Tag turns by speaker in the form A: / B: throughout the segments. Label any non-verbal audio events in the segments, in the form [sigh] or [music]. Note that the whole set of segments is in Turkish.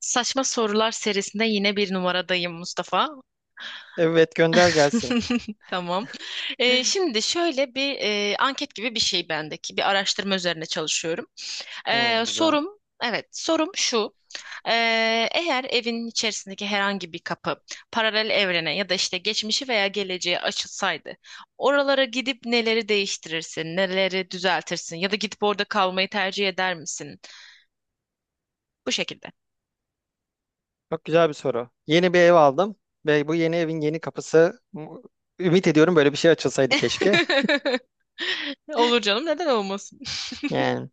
A: Saçma Sorular serisinde yine bir numaradayım Mustafa.
B: Evet gönder gelsin.
A: [laughs] Tamam. Şimdi şöyle bir anket gibi bir şey bendeki. Bir araştırma üzerine çalışıyorum.
B: Hmm, güzel.
A: Sorum, evet sorum şu. Ee, Eğer evin içerisindeki herhangi bir kapı paralel evrene ya da işte geçmişi veya geleceğe açılsaydı, oralara gidip neleri değiştirirsin, neleri düzeltirsin ya da gidip orada kalmayı tercih eder misin? Bu şekilde.
B: Çok güzel bir soru. Yeni bir ev aldım ve bu yeni evin yeni kapısı ümit ediyorum böyle bir şey açılsaydı keşke. [laughs]
A: [laughs] Olur canım, neden olmasın?
B: Yani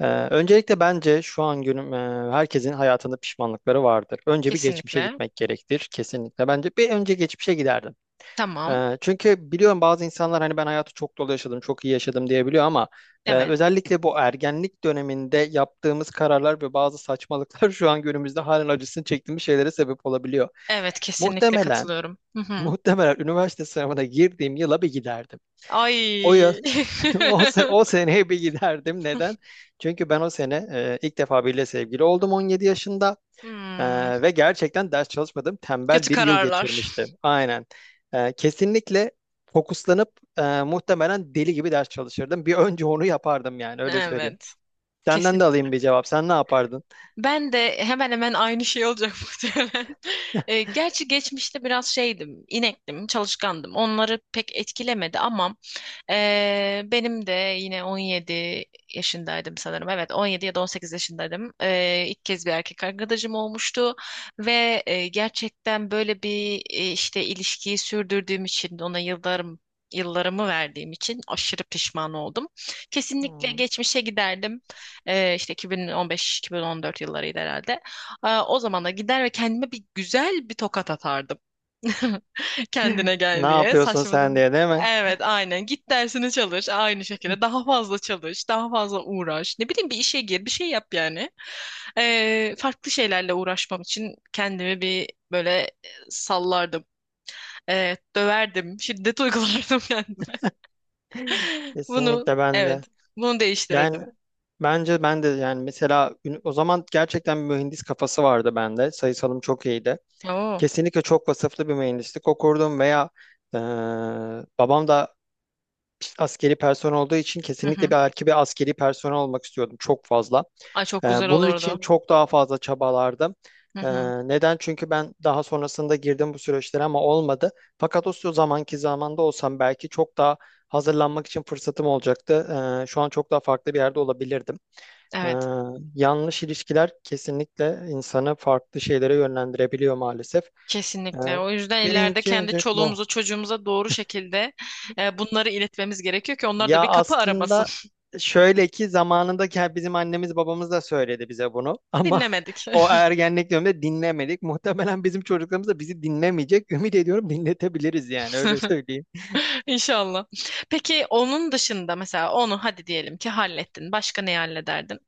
B: öncelikle bence şu an günüm herkesin hayatında pişmanlıkları vardır.
A: [laughs]
B: Önce bir geçmişe
A: Kesinlikle.
B: gitmek gerektir kesinlikle. Bence bir önce geçmişe giderdim.
A: Tamam.
B: Çünkü biliyorum bazı insanlar hani ben hayatı çok dolu yaşadım, çok iyi yaşadım diyebiliyor ama
A: Evet.
B: özellikle bu ergenlik döneminde yaptığımız kararlar ve bazı saçmalıklar [laughs] şu an günümüzde halen acısını çektiğimiz şeylere sebep olabiliyor.
A: Evet, kesinlikle
B: Muhtemelen,
A: katılıyorum. Hı
B: [laughs]
A: hı.
B: muhtemelen üniversite sınavına girdiğim yıla bir giderdim. O yıl,
A: Ay.
B: [laughs] o
A: [laughs]
B: seneye bir giderdim. Neden? Çünkü ben o sene ilk defa biriyle sevgili oldum 17 yaşında. E,
A: Hmm,
B: ve gerçekten ders çalışmadım. Tembel
A: kötü
B: bir yıl
A: kararlar.
B: geçirmiştim. Aynen. Kesinlikle fokuslanıp muhtemelen deli gibi ders çalışırdım. Bir önce onu yapardım yani öyle söyleyeyim.
A: Evet.
B: Senden
A: Kesin.
B: de alayım bir cevap. Sen ne yapardın?
A: Ben de hemen hemen aynı şey olacak [laughs] muhtemelen. Gerçi geçmişte biraz şeydim, inektim, çalışkandım. Onları pek etkilemedi ama benim de yine 17 yaşındaydım sanırım. Evet, 17 ya da 18 yaşındaydım. İlk kez bir erkek arkadaşım olmuştu ve gerçekten böyle bir işte ilişkiyi sürdürdüğüm için ona yıllarımı verdiğim için aşırı pişman oldum. Kesinlikle
B: Hmm.
A: geçmişe giderdim. İşte 2015-2014 yıllarıydı herhalde. O zamana gider ve kendime bir güzel bir tokat atardım. [laughs] Kendine
B: [laughs] Ne
A: gel diye,
B: yapıyorsun
A: saçma
B: sen
A: zaman.
B: diye değil mi?
A: Evet, aynen, git dersini çalış, aynı şekilde daha fazla çalış, daha fazla uğraş, ne bileyim bir işe gir, bir şey yap yani. Farklı şeylerle uğraşmam için kendimi bir böyle sallardım. Döverdim, şiddet uygulardım [laughs] kendime, bunu,
B: Kesinlikle ben de.
A: evet, bunu
B: Yani
A: değiştirirdim.
B: bence ben de yani mesela o zaman gerçekten bir mühendis kafası vardı bende. Sayısalım çok iyiydi.
A: Oo.
B: Kesinlikle çok vasıflı bir mühendislik okurdum veya eee, babam da askeri personel olduğu için
A: Hı
B: kesinlikle
A: hı.
B: bir erkek bir askeri personel olmak istiyordum çok fazla.
A: Ay, çok
B: Ee,
A: güzel
B: bunun
A: olurdu.
B: için çok daha fazla çabalardım.
A: Hı
B: Ee,
A: hı.
B: neden? Çünkü ben daha sonrasında girdim bu süreçlere ama olmadı. Fakat o zamanki zamanda olsam belki çok daha hazırlanmak için fırsatım olacaktı. Şu an çok daha farklı bir yerde olabilirdim. Ee,
A: Evet.
B: yanlış ilişkiler kesinlikle insanı farklı şeylere yönlendirebiliyor maalesef. Ee,
A: Kesinlikle. O yüzden ileride
B: birinci
A: kendi
B: öncelik bu.
A: çoluğumuza, çocuğumuza doğru şekilde bunları iletmemiz gerekiyor ki onlar da
B: Ya
A: bir kapı aramasın.
B: aslında şöyle ki zamanında bizim annemiz babamız da söyledi bize bunu [laughs]
A: [laughs]
B: ama
A: Dinlemedik.
B: o ergenlik döneminde dinlemedik. Muhtemelen bizim çocuklarımız da bizi dinlemeyecek. Ümit ediyorum dinletebiliriz yani öyle
A: [laughs]
B: söyleyeyim.
A: İnşallah. Peki onun dışında, mesela onu hadi diyelim ki hallettin. Başka neyi hallederdin?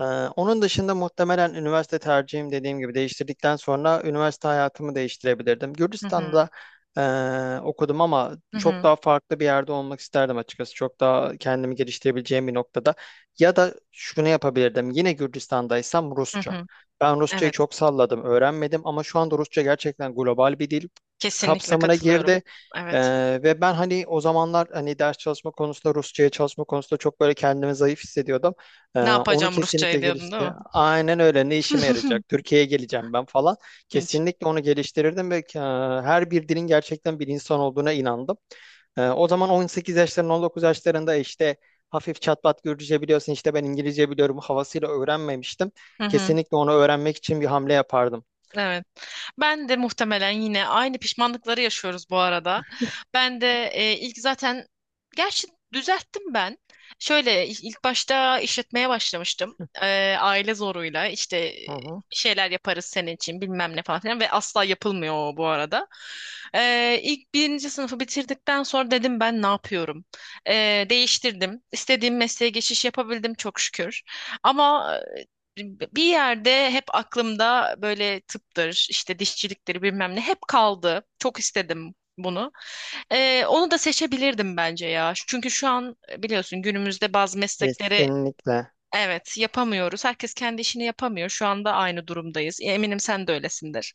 B: Ee, onun dışında muhtemelen üniversite tercihim dediğim gibi değiştirdikten sonra üniversite hayatımı değiştirebilirdim.
A: Hı hı,
B: Gürcistan'da okudum ama
A: hı
B: çok
A: hı,
B: daha farklı bir yerde olmak isterdim açıkçası. Çok daha kendimi geliştirebileceğim bir noktada. Ya da şunu yapabilirdim. Yine Gürcistan'daysam
A: hı
B: Rusça.
A: hı.
B: Ben Rusçayı
A: Evet.
B: çok salladım, öğrenmedim ama şu anda Rusça gerçekten global bir dil
A: Kesinlikle
B: kapsamına
A: katılıyorum.
B: girdi.
A: Evet.
B: Ve ben hani o zamanlar hani ders çalışma konusunda Rusçaya çalışma konusunda çok böyle kendimi zayıf hissediyordum. Ee,
A: Ne
B: onu
A: yapacağım
B: kesinlikle
A: Rusça'yı diyordun değil
B: gelişti.
A: mi?
B: Aynen öyle. Ne işime yarayacak?
A: [laughs]
B: Türkiye'ye geleceğim ben falan.
A: Hiç.
B: Kesinlikle onu geliştirirdim ve her bir dilin gerçekten bir insan olduğuna inandım. O zaman 18 yaşlarında, 19 yaşlarında işte hafif çatpat Gürcüce biliyorsun, işte ben İngilizce biliyorum havasıyla öğrenmemiştim.
A: Hı hı.
B: Kesinlikle onu öğrenmek için bir hamle yapardım.
A: Evet. Ben de muhtemelen, yine aynı pişmanlıkları yaşıyoruz bu arada. Ben de ilk zaten, gerçi düzelttim ben. Şöyle ilk başta işletmeye başlamıştım. E, aile zoruyla işte
B: Hı hı.
A: şeyler yaparız senin için bilmem ne falan filan ve asla yapılmıyor o bu arada. E, ilk birinci sınıfı bitirdikten sonra dedim ben ne yapıyorum? E, Değiştirdim. İstediğim mesleğe geçiş yapabildim çok şükür. Ama bir yerde hep aklımda böyle tıptır, işte dişçiliktir bilmem ne hep kaldı. Çok istedim bunu. Onu da seçebilirdim bence ya. Çünkü şu an biliyorsun günümüzde bazı meslekleri,
B: Kesinlikle.
A: evet, yapamıyoruz. Herkes kendi işini yapamıyor. Şu anda aynı durumdayız. E, eminim sen de öylesindir.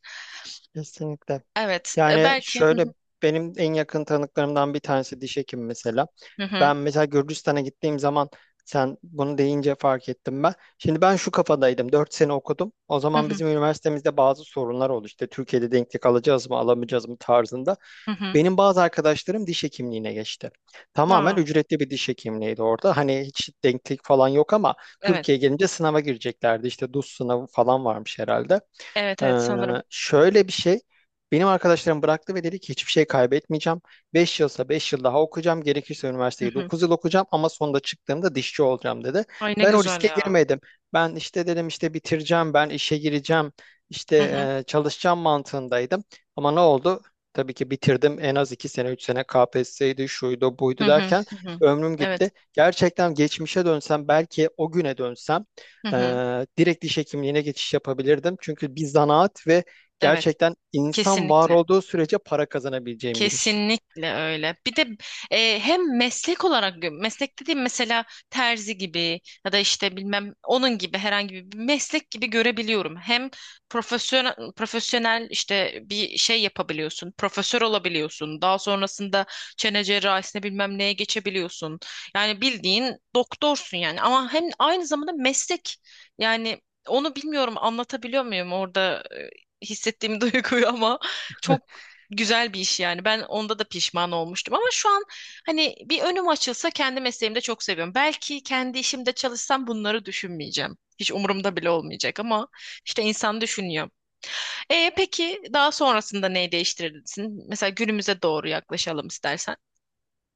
B: Kesinlikle.
A: Evet,
B: Yani
A: belki.
B: şöyle benim en yakın tanıklarımdan bir tanesi diş hekimi mesela.
A: Hı hı.
B: Ben mesela Gürcistan'a gittiğim zaman sen bunu deyince fark ettim ben. Şimdi ben şu kafadaydım. 4 sene okudum. O
A: Hı
B: zaman
A: hı.
B: bizim üniversitemizde bazı sorunlar oldu. İşte Türkiye'de denklik alacağız mı alamayacağız mı tarzında.
A: Hı hı, hı.
B: Benim bazı arkadaşlarım diş hekimliğine geçti. Tamamen
A: Aa,
B: ücretli bir diş hekimliğiydi orada. Hani hiç denklik falan yok ama
A: evet.
B: Türkiye'ye gelince sınava gireceklerdi. İşte DUS sınavı falan varmış herhalde.
A: Evet
B: Ee,
A: evet, sanırım.
B: şöyle bir şey. Benim arkadaşlarım bıraktı ve dedi ki hiçbir şey kaybetmeyeceğim. 5 yılsa 5 yıl daha okuyacağım. Gerekirse
A: Hı
B: üniversiteyi
A: hı.
B: 9 yıl okuyacağım ama sonunda çıktığımda dişçi olacağım dedi.
A: Ay ne
B: Ben o
A: güzel
B: riske
A: ya.
B: girmedim. Ben işte dedim işte bitireceğim, ben işe gireceğim, işte
A: Hı hı.
B: çalışacağım mantığındaydım. Ama ne oldu? Tabii ki bitirdim en az 2 sene 3 sene KPSS'ydi şuydu
A: Hı
B: buydu
A: hı.
B: derken
A: Hı hı.
B: ömrüm
A: Evet.
B: gitti. Gerçekten geçmişe dönsem belki o güne dönsem
A: Hı hı.
B: direkt diş hekimliğine geçiş yapabilirdim. Çünkü bir zanaat ve
A: Evet.
B: gerçekten insan var
A: Kesinlikle.
B: olduğu sürece para kazanabileceğim bir iş.
A: Kesinlikle öyle. Bir de hem meslek olarak meslek dediğim, mesela terzi gibi ya da işte bilmem onun gibi herhangi bir meslek gibi görebiliyorum. Hem profesyonel profesyonel işte bir şey yapabiliyorsun. Profesör olabiliyorsun. Daha sonrasında çene cerrahisine bilmem neye geçebiliyorsun. Yani bildiğin doktorsun yani, ama hem aynı zamanda meslek yani, onu bilmiyorum, anlatabiliyor muyum orada hissettiğim [laughs] duyguyu, ama çok güzel bir iş yani. Ben onda da pişman olmuştum ama şu an, hani bir önüm açılsa, kendi mesleğimde çok seviyorum. Belki kendi işimde çalışsam bunları düşünmeyeceğim. Hiç umurumda bile olmayacak, ama işte insan düşünüyor. E peki, daha sonrasında neyi değiştirirsin? Mesela günümüze doğru yaklaşalım istersen.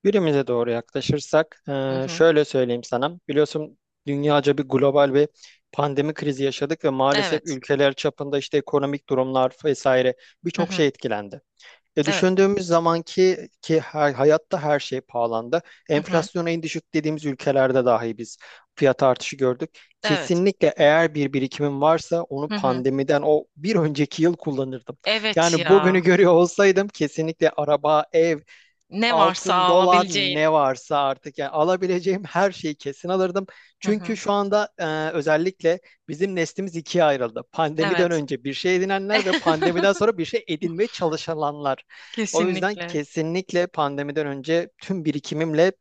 B: Günümüze doğru yaklaşırsak,
A: Hı hı.
B: şöyle söyleyeyim sana. Biliyorsun dünyaca bir global bir pandemi krizi yaşadık ve maalesef
A: Evet.
B: ülkeler çapında işte ekonomik durumlar vesaire
A: Hı
B: birçok
A: hı.
B: şey etkilendi. E,
A: Evet.
B: düşündüğümüz zaman ki hayatta her şey pahalandı.
A: Hı hı.
B: Enflasyona en düşük dediğimiz ülkelerde dahi biz fiyat artışı gördük.
A: Evet.
B: Kesinlikle eğer bir birikimim varsa onu
A: Hı hı.
B: pandemiden o bir önceki yıl kullanırdım.
A: Evet
B: Yani bugünü
A: ya.
B: görüyor olsaydım kesinlikle araba, ev
A: Ne varsa
B: altın, dolar
A: alabileceğin.
B: ne varsa artık yani alabileceğim her şeyi kesin alırdım.
A: Hı hı.
B: Çünkü şu anda özellikle bizim neslimiz ikiye ayrıldı. Pandemiden
A: Evet.
B: önce bir şey edinenler ve
A: [laughs]
B: pandemiden sonra bir şey edinmeye çalışanlar. O yüzden
A: Kesinlikle.
B: kesinlikle pandemiden önce tüm birikimimle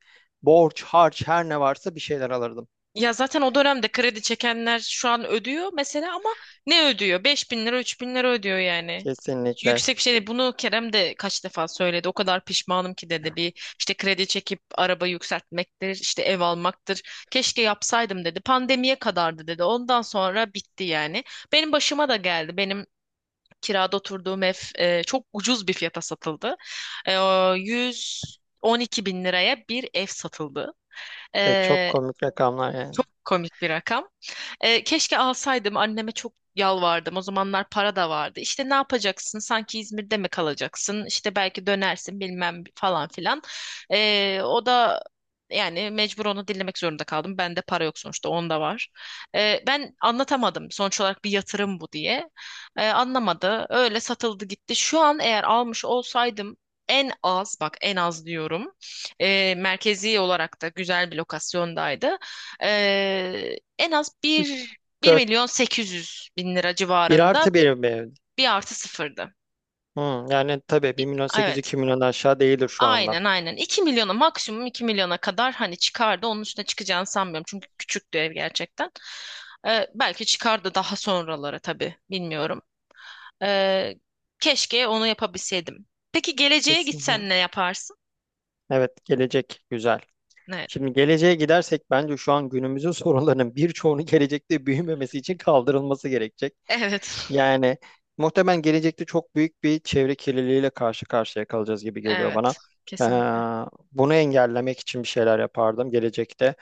B: borç, harç her ne varsa bir şeyler alırdım.
A: Ya zaten o dönemde kredi çekenler şu an ödüyor mesela, ama ne ödüyor? 5.000 lira, 3.000 lira ödüyor yani.
B: Kesinlikle.
A: Yüksek bir şey değil. Bunu Kerem de kaç defa söyledi. O kadar pişmanım ki dedi. Bir işte kredi çekip araba yükseltmektir, işte ev almaktır. Keşke yapsaydım dedi. Pandemiye kadardı dedi. Ondan sonra bitti yani. Benim başıma da geldi. Benim kirada oturduğum ev çok ucuz bir fiyata satıldı. E, o 112 bin liraya bir ev satıldı.
B: Ve çok
A: E,
B: komik rakamlar yani.
A: çok komik bir rakam. Keşke alsaydım, anneme çok yalvardım. O zamanlar para da vardı. İşte ne yapacaksın? Sanki İzmir'de mi kalacaksın? İşte belki dönersin bilmem falan filan. O da yani mecbur, onu dinlemek zorunda kaldım. Bende para yok sonuçta, onda var. Ben anlatamadım sonuç olarak bir yatırım bu diye. Anlamadı. Öyle satıldı gitti. Şu an eğer almış olsaydım, en az, bak en az diyorum. Merkezi olarak da güzel bir lokasyondaydı. En az bir
B: Dört
A: milyon sekiz yüz bin lira
B: bir
A: civarında,
B: artı bir mi?
A: bir artı sıfırdı.
B: Hı, yani tabii 1 milyon 800
A: Evet.
B: 2 milyon aşağı değildir şu anda.
A: Aynen aynen. 2.000.000'a, maksimum 2.000.000'a kadar hani çıkardı. Onun üstüne çıkacağını sanmıyorum. Çünkü küçüktü ev gerçekten. Belki çıkardı daha sonralara tabii. Bilmiyorum. Ee, Keşke onu yapabilseydim. Peki geleceğe
B: Kesin.
A: gitsen ne yaparsın?
B: Evet, gelecek güzel.
A: Evet.
B: Şimdi geleceğe gidersek bence şu an günümüzün [laughs] sorunlarının birçoğunu gelecekte büyümemesi için kaldırılması gerekecek.
A: Evet. [laughs]
B: Yani muhtemelen gelecekte çok büyük bir çevre kirliliğiyle karşı karşıya kalacağız gibi geliyor bana.
A: Evet. Kesinlikle.
B: Ee, bunu engellemek için bir şeyler yapardım gelecekte.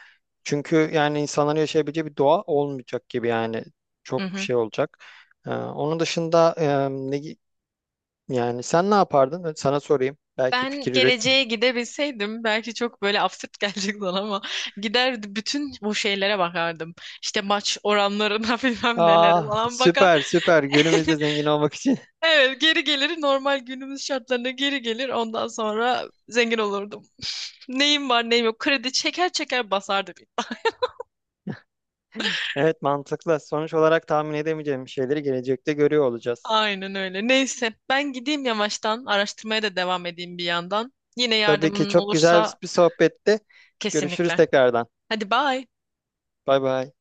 B: Çünkü yani insanların yaşayabileceği bir doğa olmayacak gibi yani çok
A: Mhm.
B: şey olacak. Onun dışında yani sen ne yapardın? Sana sorayım. Belki
A: Ben
B: fikir üret.
A: geleceğe gidebilseydim belki çok böyle absürt [laughs] gelecek sana, ama gider bütün bu şeylere bakardım. İşte maç oranlarına [laughs] bilmem nelere
B: Aa,
A: falan bakar.
B: süper süper.
A: [laughs]
B: Günümüzde zengin olmak için. [laughs]
A: Evet, geri gelir normal günümüz şartlarına, geri gelir ondan sonra zengin olurdum. [laughs] Neyim var neyim yok kredi çeker çeker basardı. Bir.
B: Evet mantıklı. Sonuç olarak tahmin edemeyeceğimiz şeyleri gelecekte görüyor olacağız.
A: Aynen öyle, neyse ben gideyim yavaştan, araştırmaya da devam edeyim bir yandan. Yine
B: Tabii ki
A: yardımın
B: çok güzel
A: olursa
B: bir sohbette. Görüşürüz
A: kesinlikle.
B: tekrardan.
A: Hadi bye.
B: Bay bay.